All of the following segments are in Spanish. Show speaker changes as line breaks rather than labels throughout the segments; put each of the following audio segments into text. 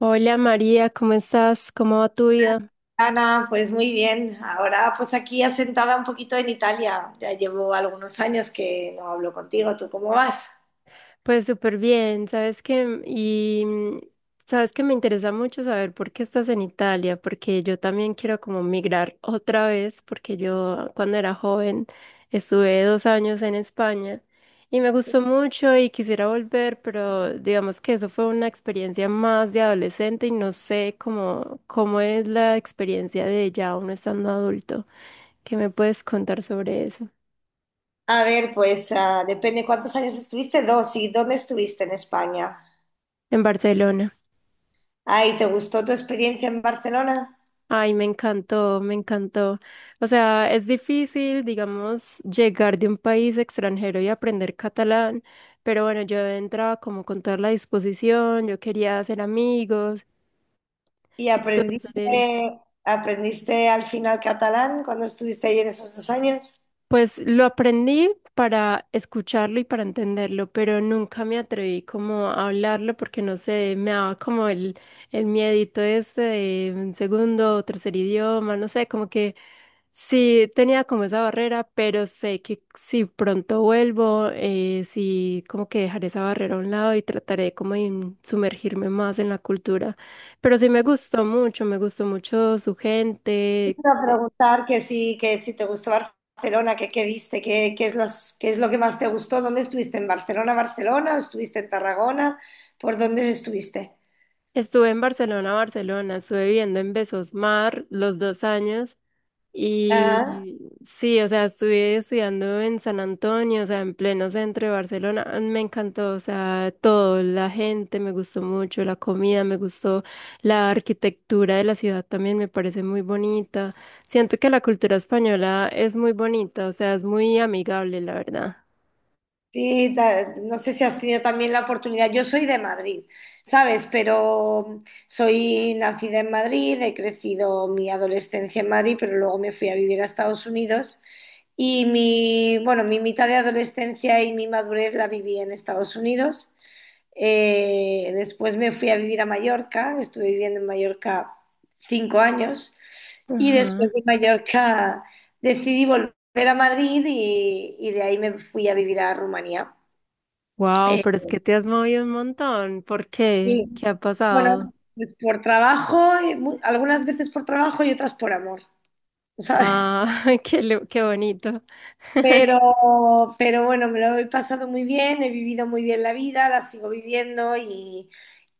Hola María, ¿cómo estás? ¿Cómo va tu vida?
Ana, pues muy bien. Ahora pues aquí asentada un poquito en Italia. Ya llevo algunos años que no hablo contigo. ¿Tú cómo vas?
Pues súper bien, sabes que me interesa mucho saber por qué estás en Italia, porque yo también quiero como migrar otra vez, porque yo cuando era joven estuve 2 años en España y me gustó mucho y quisiera volver, pero digamos que eso fue una experiencia más de adolescente y no sé cómo es la experiencia de ya uno estando adulto. ¿Qué me puedes contar sobre eso
A ver, pues depende cuántos años estuviste. Dos. ¿Y dónde estuviste en España?
en Barcelona?
Ay, ¿te gustó tu experiencia en Barcelona?
Ay, me encantó, me encantó. O sea, es difícil, digamos, llegar de un país extranjero y aprender catalán, pero bueno, yo entraba como con toda la disposición, yo quería hacer amigos,
¿Y aprendiste,
entonces...
aprendiste al final catalán cuando estuviste ahí en esos dos años?
Pues lo aprendí para escucharlo y para entenderlo, pero nunca me atreví como a hablarlo porque no sé, me daba como el miedito este de un segundo o tercer idioma, no sé, como que sí tenía como esa barrera, pero sé que si pronto vuelvo, sí como que dejaré esa barrera a un lado y trataré como de sumergirme más en la cultura. Pero sí me gustó mucho su gente.
Quiero preguntar que si te gustó Barcelona, que qué viste, que, qué es los, qué es lo que más te gustó, ¿dónde estuviste? ¿En Barcelona, Barcelona? ¿O estuviste en Tarragona? ¿Por dónde estuviste?
Estuve en Barcelona, Barcelona, estuve viviendo en Besosmar los 2 años
Ah,
y sí, o sea, estuve estudiando en San Antonio, o sea, en pleno centro de Barcelona. Ah, me encantó, o sea, todo, la gente me gustó mucho, la comida me gustó, la arquitectura de la ciudad también me parece muy bonita. Siento que la cultura española es muy bonita, o sea, es muy amigable, la verdad.
sí, no sé si has tenido también la oportunidad. Yo soy de Madrid, ¿sabes? Pero soy nacida en Madrid, he crecido mi adolescencia en Madrid, pero luego me fui a vivir a Estados Unidos. Mi mitad de adolescencia y mi madurez la viví en Estados Unidos. Después me fui a vivir a Mallorca, estuve viviendo en Mallorca 5 años y después
Ajá.
de Mallorca decidí volver a Madrid y de ahí me fui a vivir a Rumanía.
Wow,
Eh,
pero es que te has movido un montón. ¿Por qué?
y,
¿Qué ha
bueno,
pasado?
pues por trabajo, algunas veces por trabajo y otras por amor, ¿sabes?
Ah, qué bonito.
Pero, pero bueno, me lo he pasado muy bien, he vivido muy bien la vida, la sigo viviendo y,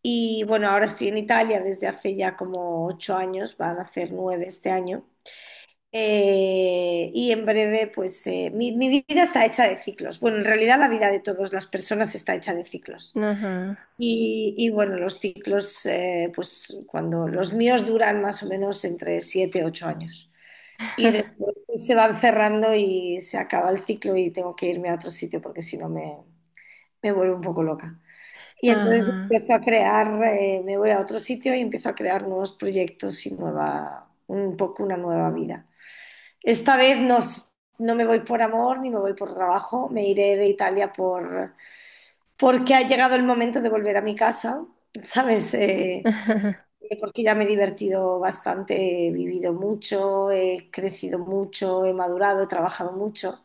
y bueno, ahora estoy en Italia desde hace ya como 8 años, van a hacer 9 este año. Y en breve, pues mi vida está hecha de ciclos. Bueno, en realidad la vida de todas las personas está hecha de ciclos.
Ajá,
Y bueno, los ciclos, pues cuando los míos duran más o menos entre 7 y 8 años. Y después pues se van cerrando y se acaba el ciclo y tengo que irme a otro sitio porque si no me, me vuelvo un poco loca. Y entonces
ajá.
empiezo a crear, me voy a otro sitio y empiezo a crear nuevos proyectos y nueva, un poco una nueva vida. Esta vez no, no me voy por amor ni me voy por trabajo, me iré de Italia porque ha llegado el momento de volver a mi casa, ¿sabes? Porque ya me he divertido bastante, he vivido mucho, he crecido mucho, he madurado, he trabajado mucho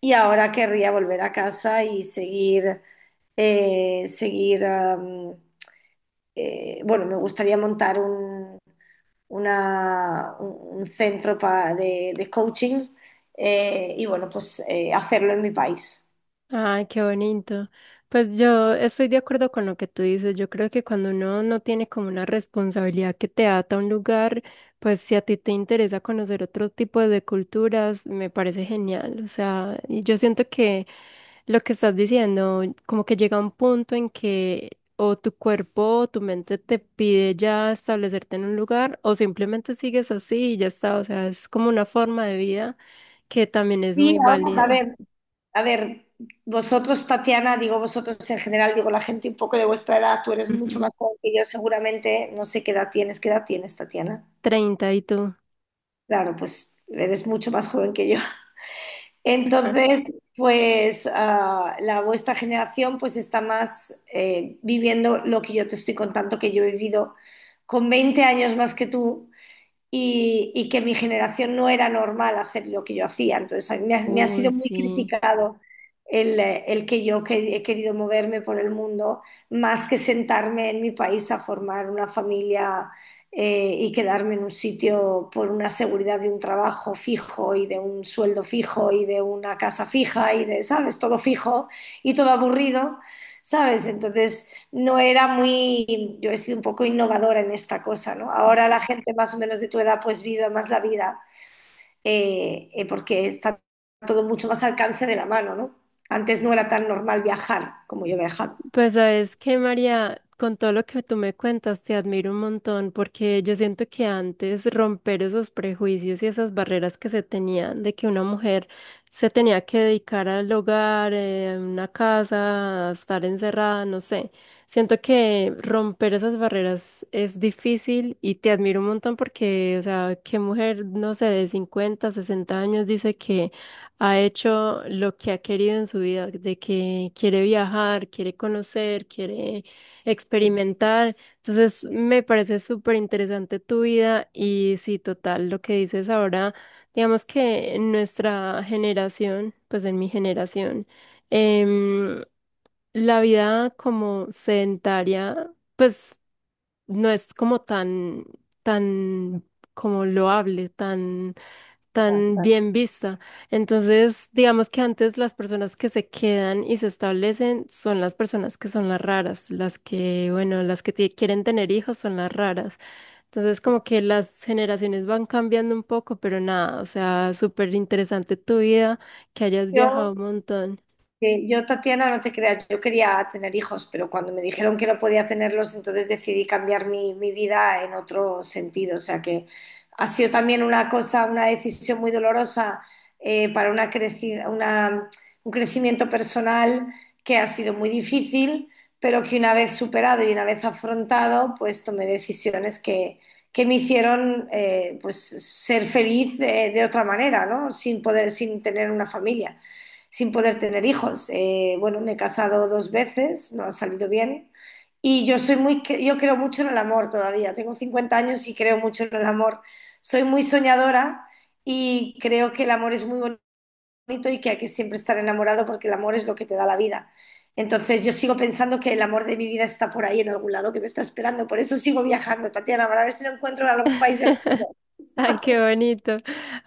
y ahora querría volver a casa y seguir, eh, seguir, am, bueno, me gustaría montar un centro de coaching, y bueno, pues hacerlo en mi país.
Ay, qué bonito. Pues yo estoy de acuerdo con lo que tú dices. Yo creo que cuando uno no tiene como una responsabilidad que te ata a un lugar, pues si a ti te interesa conocer otro tipo de culturas, me parece genial. O sea, y yo siento que lo que estás diciendo, como que llega un punto en que o tu cuerpo o tu mente te pide ya establecerte en un lugar o simplemente sigues así y ya está. O sea, es como una forma de vida que también es
Sí,
muy
ahora, a
válida.
ver, a ver, vosotros, Tatiana, digo vosotros en general, digo la gente un poco de vuestra edad, tú eres mucho más joven que yo, seguramente, no sé qué edad tienes. ¿Qué edad tienes, Tatiana?
30 y tú.
Claro, pues eres mucho más joven que yo. Entonces, la vuestra generación pues está más viviendo lo que yo te estoy contando que yo he vivido con 20 años más que tú y que mi generación no era normal hacer lo que yo hacía. Entonces, a mí me ha sido
Uy,
muy
sí.
criticado el que he querido moverme por el mundo más que sentarme en mi país a formar una familia, y quedarme en un sitio por una seguridad de un trabajo fijo y de un sueldo fijo y de una casa fija y de, ¿sabes? Todo fijo y todo aburrido, ¿sabes? Entonces no era muy, yo he sido un poco innovadora en esta cosa, ¿no? Ahora la gente más o menos de tu edad pues vive más la vida, porque está todo mucho más al alcance de la mano, ¿no? Antes no era tan normal viajar como yo he viajado.
Pues sabes que, María, con todo lo que tú me cuentas, te admiro un montón porque yo siento que antes romper esos prejuicios y esas barreras que se tenían de que una mujer se tenía que dedicar al hogar, a una casa, a estar encerrada, no sé. Siento que romper esas barreras es difícil y te admiro un montón porque, o sea, qué mujer, no sé, de 50, 60 años dice que ha hecho lo que ha querido en su vida, de que quiere viajar, quiere conocer, quiere experimentar. Entonces, me parece súper interesante tu vida y sí, total, lo que dices ahora, digamos que en nuestra generación, pues en mi generación, em, la vida como sedentaria, pues no es como tan, tan como loable, tan tan bien vista. Entonces, digamos que antes las personas que se quedan y se establecen son las personas que son las raras, las que, bueno, las que quieren tener hijos son las raras. Entonces, como que las generaciones van cambiando un poco, pero nada, o sea, súper interesante tu vida, que hayas viajado
Yo
un montón.
Sí, yo, Tatiana, no te creas, yo quería tener hijos, pero cuando me dijeron que no podía tenerlos, entonces decidí cambiar mi vida en otro sentido. O sea que ha sido también una cosa, una decisión muy dolorosa, para una creci- una- un crecimiento personal que ha sido muy difícil, pero que una vez superado y una vez afrontado, pues tomé decisiones que me hicieron pues ser feliz, de otra manera, ¿no? Sin poder, sin tener una familia, sin poder tener hijos. Bueno, me he casado dos veces, no ha salido bien. Y yo soy muy, yo creo mucho en el amor todavía. Tengo 50 años y creo mucho en el amor. Soy muy soñadora y creo que el amor es muy bonito y que hay que siempre estar enamorado porque el amor es lo que te da la vida. Entonces yo sigo pensando que el amor de mi vida está por ahí en algún lado, que me está esperando. Por eso sigo viajando, Tatiana, para ver si lo encuentro en algún país del mundo.
Ay, qué bonito.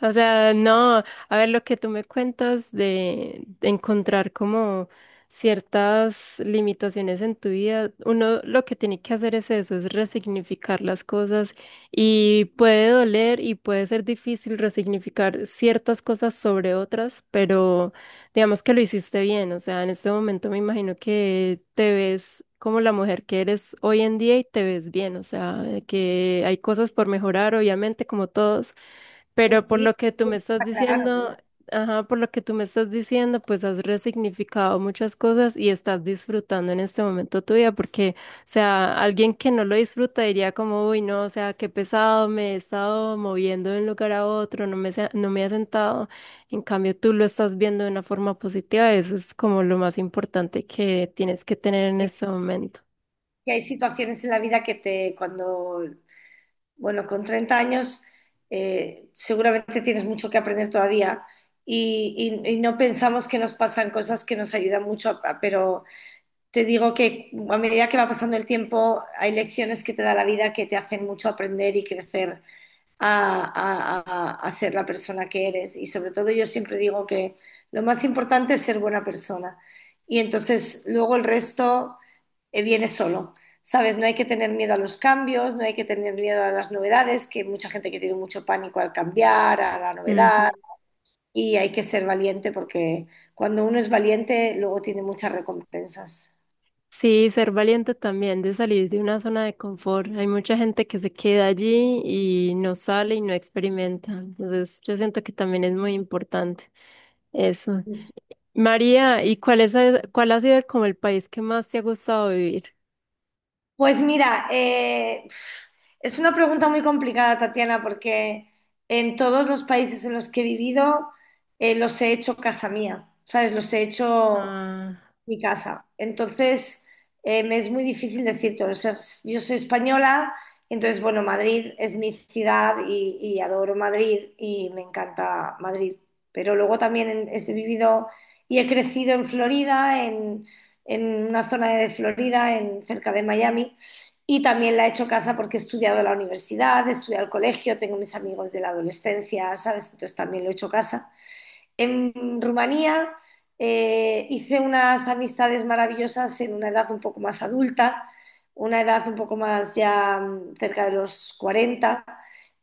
O sea, no, a ver lo que tú me cuentas de, encontrar como ciertas limitaciones en tu vida, uno lo que tiene que hacer es eso, es resignificar las cosas y puede doler y puede ser difícil resignificar ciertas cosas sobre otras, pero digamos que lo hiciste bien, o sea, en este momento me imagino que te ves como la mujer que eres hoy en día y te ves bien, o sea, de que hay cosas por mejorar, obviamente, como todos, pero
Pues
por
sí,
lo que tú
pues,
me estás
claro.
diciendo, ajá, por lo que tú me estás diciendo, pues has resignificado muchas cosas y estás disfrutando en este momento tu vida, porque, o sea, alguien que no lo disfruta diría como, uy, no, o sea, qué pesado, me he estado moviendo de un lugar a otro, no me, no me he sentado. En cambio, tú lo estás viendo de una forma positiva, eso es como lo más importante que tienes que tener en
Es
este momento.
Que hay situaciones en la vida cuando, bueno, con 30 años seguramente tienes mucho que aprender todavía y no pensamos que nos pasan cosas que nos ayudan mucho, pero te digo que a medida que va pasando el tiempo hay lecciones que te da la vida que te hacen mucho aprender y crecer a ser la persona que eres. Y sobre todo yo siempre digo que lo más importante es ser buena persona. Y entonces luego el resto viene solo. ¿Sabes? No hay que tener miedo a los cambios, no hay que tener miedo a las novedades, que hay mucha gente que tiene mucho pánico al cambiar, a la novedad, y hay que ser valiente porque cuando uno es valiente, luego tiene muchas recompensas.
Sí, ser valiente también de salir de una zona de confort. Hay mucha gente que se queda allí y no sale y no experimenta. Entonces, yo siento que también es muy importante eso. María, ¿y cuál es, cuál ha sido como el país que más te ha gustado vivir?
Pues mira, es una pregunta muy complicada, Tatiana, porque en todos los países en los que he vivido los he hecho casa mía, ¿sabes? Los he hecho
Ah,
mi casa. Entonces, me es muy difícil decir todo. O sea, yo soy española, entonces, bueno, Madrid es mi ciudad y adoro Madrid y me encanta Madrid. Pero luego también he vivido y he crecido en Florida, en una zona de Florida, en, cerca de Miami. Y también la he hecho casa porque he estudiado en la universidad, he estudiado el colegio, tengo mis amigos de la adolescencia, ¿sabes? Entonces también lo he hecho casa. En Rumanía hice unas amistades maravillosas en una edad un poco más adulta, una edad un poco más ya cerca de los 40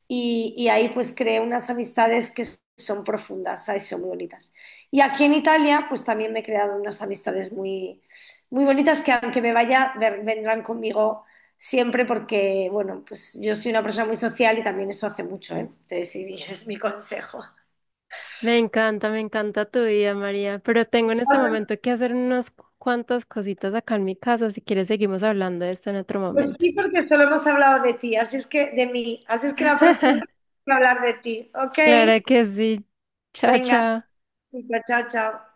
y ahí pues creé unas amistades que son profundas, ¿sabes? Son muy bonitas. Y aquí en Italia pues también me he creado unas amistades muy bonitas que aunque me vaya vendrán conmigo siempre porque, bueno, pues yo soy una persona muy social y también eso hace mucho, ¿eh? Entonces, sí, es mi consejo.
me encanta tu vida, María. Pero tengo en este momento que hacer unas cuantas cositas acá en mi casa. Si quieres, seguimos hablando de esto en otro
Pues
momento.
sí, porque solo hemos hablado de ti, así es que de mí, así es que la próxima hay que hablar de ti, ¿ok?
Claro que sí. Chao,
Venga,
chao.
chica, chao, chao.